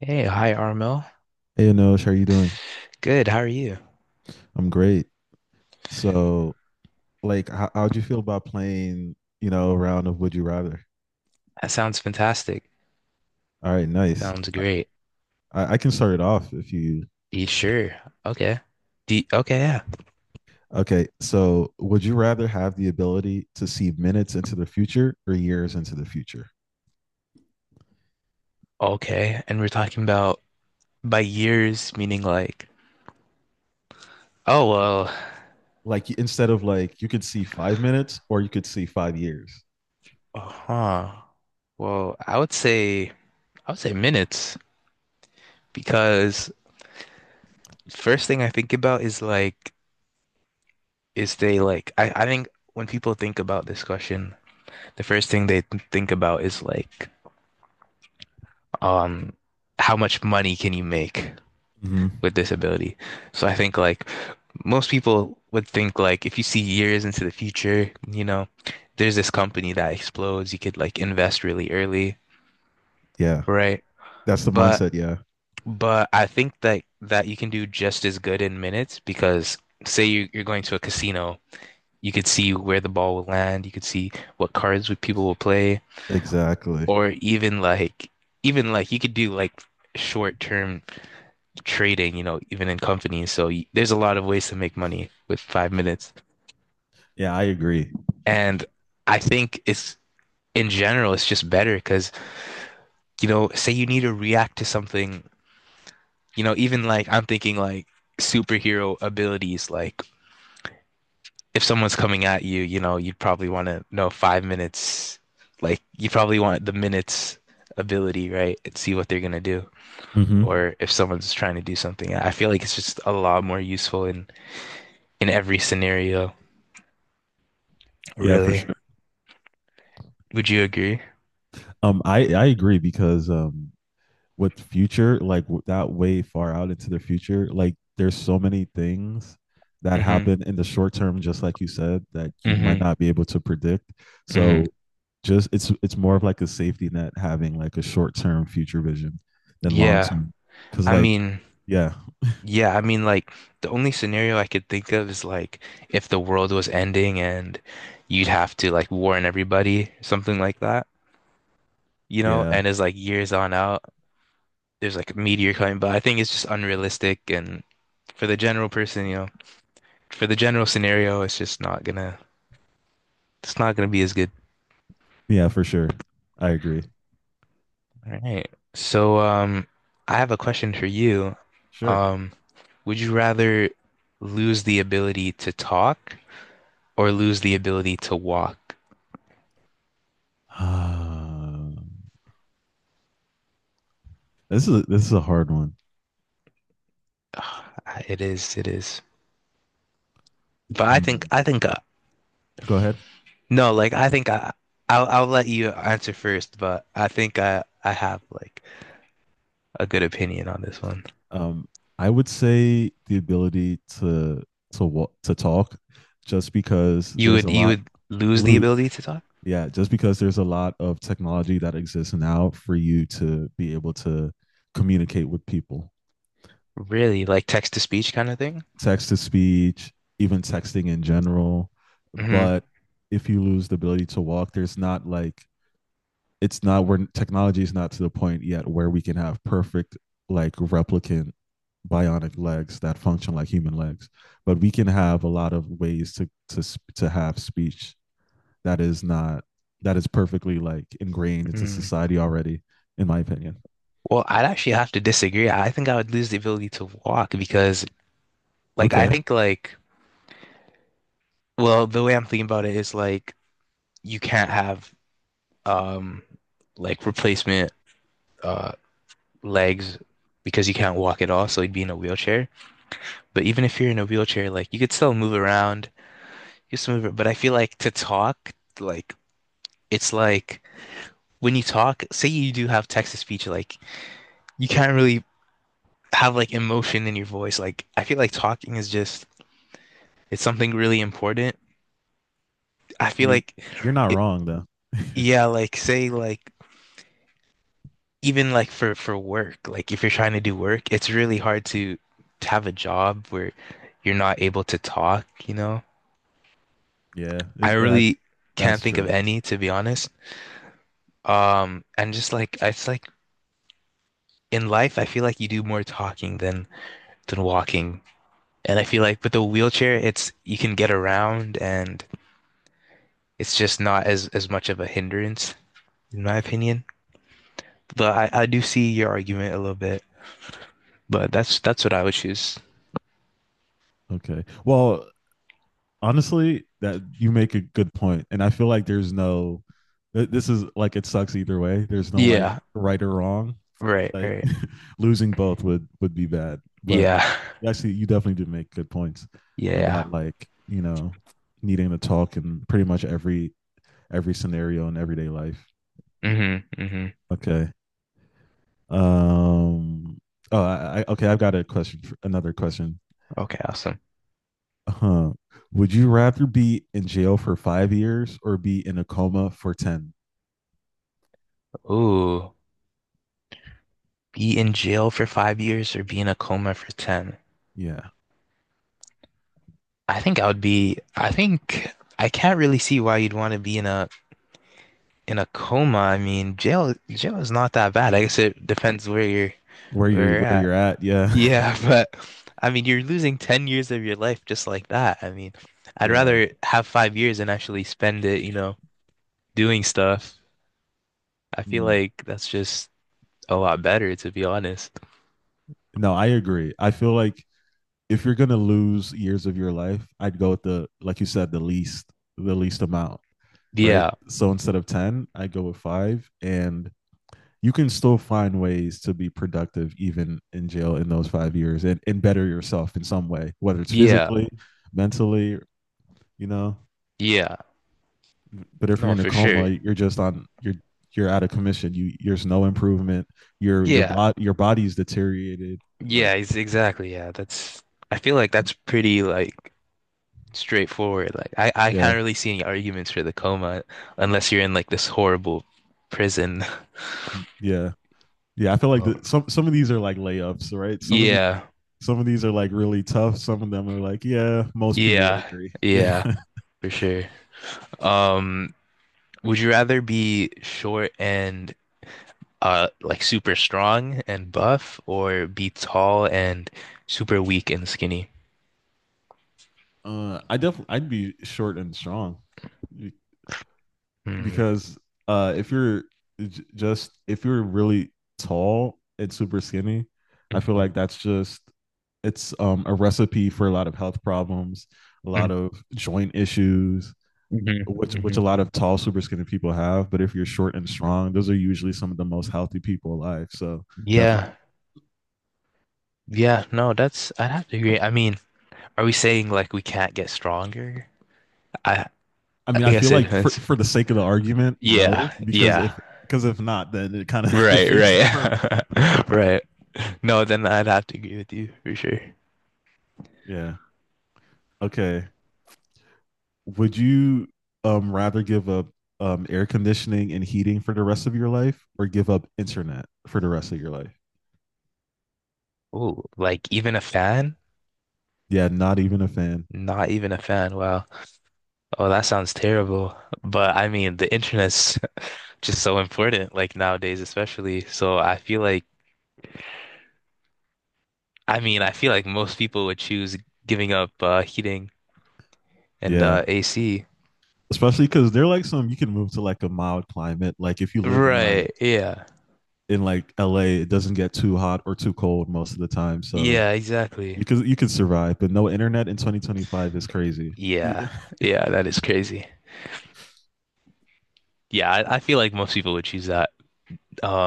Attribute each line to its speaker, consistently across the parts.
Speaker 1: Hey, hi, Armel.
Speaker 2: Hey, Anosh, how are you doing?
Speaker 1: Good, how are you?
Speaker 2: I'm great. So, how'd you feel about playing, a round of Would You Rather?
Speaker 1: That sounds fantastic.
Speaker 2: All right, nice.
Speaker 1: Sounds great.
Speaker 2: I can start it off if you.
Speaker 1: You sure? Okay. D Okay, yeah.
Speaker 2: Okay, so would you rather have the ability to see minutes into the future or years into the future?
Speaker 1: Okay, and we're talking about by years, meaning like, oh well,
Speaker 2: Like, you could see 5 minutes or you could see 5 years.
Speaker 1: uh-huh. Well, I would say minutes because first thing I think about is like, is they like I think when people think about this question, the first thing they think about is like, um, how much money can you make?
Speaker 2: hmm
Speaker 1: With disability. So I think like most people would think like if you see years into the future, you know, there's this company that explodes, you could like invest really early,
Speaker 2: Yeah,
Speaker 1: right?
Speaker 2: that's the
Speaker 1: But
Speaker 2: mindset. Yeah,
Speaker 1: but I think that you can do just as good in minutes because say you're going to a casino, you could see where the ball will land, you could see what cards would people will play,
Speaker 2: exactly.
Speaker 1: or even like you could do like short-term trading, you know, even in companies. So there's a lot of ways to make money with 5 minutes.
Speaker 2: Yeah, I agree.
Speaker 1: And I think it's in general, it's just better because, you know, say you need to react to something, you know, even like I'm thinking like superhero abilities, like if someone's coming at you, you know, you'd probably want to know 5 minutes, like you probably want the minutes ability, right? And see what they're gonna do.
Speaker 2: hmm
Speaker 1: Or if someone's trying to do something, I feel like it's just a lot more useful in every scenario,
Speaker 2: Yeah, for
Speaker 1: really.
Speaker 2: sure.
Speaker 1: Would you agree?
Speaker 2: I agree because with future like that way far out into the future, like there's so many things that
Speaker 1: Hmm.
Speaker 2: happen in the short term, just like you said, that you might
Speaker 1: Hmm.
Speaker 2: not be able to predict.
Speaker 1: Hmm.
Speaker 2: So just it's more of like a safety net having like a short term future vision than long
Speaker 1: Yeah.
Speaker 2: term. Because
Speaker 1: I
Speaker 2: like
Speaker 1: mean,
Speaker 2: yeah
Speaker 1: yeah, I mean like the only scenario I could think of is like if the world was ending and you'd have to like warn everybody, something like that, you know,
Speaker 2: yeah
Speaker 1: and as like years on out, there's like a meteor coming, but I think it's just unrealistic and for the general person, you know, for the general scenario, it's not gonna be as good.
Speaker 2: yeah, for sure, I agree.
Speaker 1: All right. So um, I have a question for you.
Speaker 2: Sure.
Speaker 1: Um, would you rather lose the ability to talk or lose the ability to walk?
Speaker 2: Uh, this is a hard one.
Speaker 1: Ugh. It is. But I think,
Speaker 2: Hmm.
Speaker 1: I think,
Speaker 2: Go ahead.
Speaker 1: no, like I'll let you answer first. But I think I have like a good opinion on this one.
Speaker 2: Um, I would say the ability to to talk, just because there's a
Speaker 1: You
Speaker 2: lot.
Speaker 1: would lose the
Speaker 2: Loot.
Speaker 1: ability to talk?
Speaker 2: Yeah, just because there's a lot of technology that exists now for you to be able to communicate with people,
Speaker 1: Really? Like text to speech kind of thing?
Speaker 2: text to speech, even texting in general.
Speaker 1: Hmm.
Speaker 2: But if you lose the ability to walk, there's not like it's not where, technology is not to the point yet where we can have perfect like replicant bionic legs that function like human legs, but we can have a lot of ways to to have speech that is not that is perfectly like ingrained into
Speaker 1: Mm.
Speaker 2: society already, in my opinion.
Speaker 1: Well, I'd actually have to disagree. I think I would lose the ability to walk because, like, I
Speaker 2: Okay.
Speaker 1: think like, well, the way I'm thinking about it is like, you can't have um like replacement uh legs because you can't walk at all, so he'd be in a wheelchair. But even if you're in a wheelchair, like you could still move around, you still move. But I feel like to talk, like it's like when you talk, say you do have text to speech, like you can't really have like emotion in your voice. Like I feel like talking is just it's something really important. I
Speaker 2: I
Speaker 1: feel
Speaker 2: mean,
Speaker 1: like
Speaker 2: you're not
Speaker 1: it,
Speaker 2: wrong though.
Speaker 1: yeah, like say like even like for work, like if you're trying to do work, it's really hard to have a job where you're not able to talk, you know?
Speaker 2: Yeah,
Speaker 1: I
Speaker 2: that's
Speaker 1: really can't
Speaker 2: that's
Speaker 1: think of
Speaker 2: true.
Speaker 1: any, to be honest. And just like it's like in life, I feel like you do more talking than walking. And I feel like with the wheelchair, it's you can get around and it's just not as much of a hindrance, in my opinion. But I do see your argument a little bit, but that's what I would choose.
Speaker 2: Okay, well, honestly, that you make a good point, and I feel like there's no. This is like, it sucks either way. There's no like
Speaker 1: Yeah,
Speaker 2: right or wrong.
Speaker 1: right,
Speaker 2: Like
Speaker 1: right.
Speaker 2: losing both would be bad. But
Speaker 1: Yeah.
Speaker 2: actually, you definitely did make good points
Speaker 1: Yeah.
Speaker 2: about, like, you know, needing to talk in pretty much every scenario in everyday life.
Speaker 1: Hmm. Hmm.
Speaker 2: Okay. Um. Oh, I okay. I've got a question. Another question.
Speaker 1: Okay, awesome.
Speaker 2: Huh. Would you rather be in jail for 5 years or be in a coma for ten?
Speaker 1: So, ooh, be in jail for 5 years or be in a coma for 10.
Speaker 2: Yeah.
Speaker 1: I think I can't really see why you'd want to be in a coma. I mean, jail is not that bad. I guess it depends where you're
Speaker 2: Where
Speaker 1: at.
Speaker 2: you're at. Yeah.
Speaker 1: Yeah, but I mean, you're losing 10 years of your life just like that. I mean, I'd
Speaker 2: Yeah.
Speaker 1: rather have 5 years and actually spend it, you know, doing stuff. I feel
Speaker 2: Mm.
Speaker 1: like that's just a lot better, to be honest.
Speaker 2: No, I agree. I feel like if you're gonna lose years of your life, I'd go with the, like you said, the least, the least amount, right?
Speaker 1: Yeah.
Speaker 2: So instead of ten, I go with five. And you can still find ways to be productive even in jail in those 5 years and better yourself in some way, whether it's
Speaker 1: Yeah,
Speaker 2: physically, mentally, you know.
Speaker 1: yeah.
Speaker 2: But if you're
Speaker 1: No,
Speaker 2: in a
Speaker 1: for
Speaker 2: coma,
Speaker 1: sure.
Speaker 2: you're just on you're out of commission. You There's no improvement.
Speaker 1: Yeah,
Speaker 2: Your body's deteriorated.
Speaker 1: yeah,
Speaker 2: Like,
Speaker 1: ex exactly. Yeah, that's, I feel like that's pretty like straightforward. Like, I
Speaker 2: yeah,
Speaker 1: can't really see any arguments for the coma unless you're in like this horrible prison.
Speaker 2: yeah, yeah. I feel like
Speaker 1: Well,
Speaker 2: some of these are like layups, right?
Speaker 1: yeah,
Speaker 2: Some of these are like really tough. Some of them are like, yeah, most people would
Speaker 1: yeah,
Speaker 2: agree. Yeah.
Speaker 1: yeah, for sure. Um, would you rather be short and like super strong and buff or be tall and super weak and skinny?
Speaker 2: I definitely, I'd be short and strong because if you're j- just if you're really tall and super skinny, I feel
Speaker 1: Mm-hmm.
Speaker 2: like that's just it's a recipe for a lot of health problems, a lot of joint issues, which a
Speaker 1: Hmm.
Speaker 2: lot of tall, super skinny people have. But if you're short and strong, those are usually some of the most healthy people alive. So definitely.
Speaker 1: Yeah. Yeah. No, that's, I'd have to agree. I mean, are we saying like we can't get stronger? I,
Speaker 2: I
Speaker 1: I
Speaker 2: mean, I
Speaker 1: think I
Speaker 2: feel
Speaker 1: said
Speaker 2: like for
Speaker 1: hence.
Speaker 2: the sake of the argument,
Speaker 1: Yeah.
Speaker 2: no,
Speaker 1: Yeah.
Speaker 2: because if not, then it kind of
Speaker 1: Right.
Speaker 2: defeats the purpose.
Speaker 1: Right. Right. No, then I'd have to agree with you for sure.
Speaker 2: Yeah. Okay. Would you rather give up air conditioning and heating for the rest of your life or give up internet for the rest of your life?
Speaker 1: Oh, like even a fan?
Speaker 2: Yeah, not even a fan.
Speaker 1: Not even a fan. Wow. Oh, that sounds terrible. But I mean, the internet's just so important, like nowadays, especially. So I feel like, I mean, I feel like most people would choose giving up heating and
Speaker 2: Yeah.
Speaker 1: AC.
Speaker 2: Especially because they're like, some you can move to like a mild climate. Like if you live in
Speaker 1: Right. Yeah.
Speaker 2: in like LA, it doesn't get too hot or too cold most of the time. So
Speaker 1: Yeah, exactly.
Speaker 2: you could survive, but no internet in 2025 is crazy.
Speaker 1: Yeah.
Speaker 2: Yeah,
Speaker 1: Yeah, that is crazy. Yeah, I feel like most people would choose that.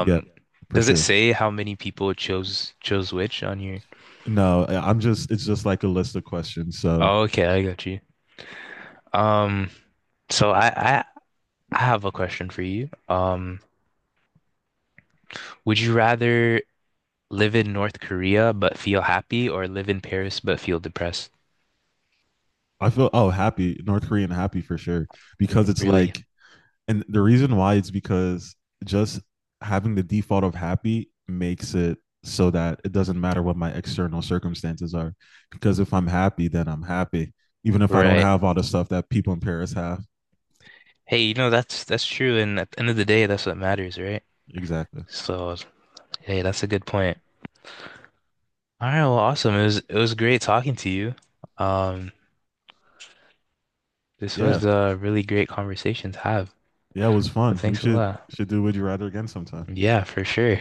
Speaker 2: yeah, for
Speaker 1: does it
Speaker 2: sure.
Speaker 1: say how many people chose which on your?
Speaker 2: No, I'm just, it's just like a list of questions. So
Speaker 1: Oh, okay, I got you. Um, so I have a question for you. Would you rather live in North Korea but feel happy or live in Paris but feel depressed?
Speaker 2: I feel, oh, happy, North Korean happy for sure, because it's
Speaker 1: Really?
Speaker 2: like and the reason why it's because just having the default of happy makes it so that it doesn't matter what my external circumstances are, because if I'm happy then I'm happy, even if I don't
Speaker 1: Right.
Speaker 2: have all the stuff that people in Paris have.
Speaker 1: Hey, you know that's true, and at the end of the day, that's what matters, right?
Speaker 2: Exactly.
Speaker 1: So, hey, that's a good point. All right, well, awesome. It was great talking to you. Um, this
Speaker 2: Yeah,
Speaker 1: was a really great conversation to have.
Speaker 2: yeah, it was
Speaker 1: So
Speaker 2: fun, we
Speaker 1: thanks a
Speaker 2: should
Speaker 1: lot.
Speaker 2: do Would You Rather again sometime.
Speaker 1: Yeah, for sure.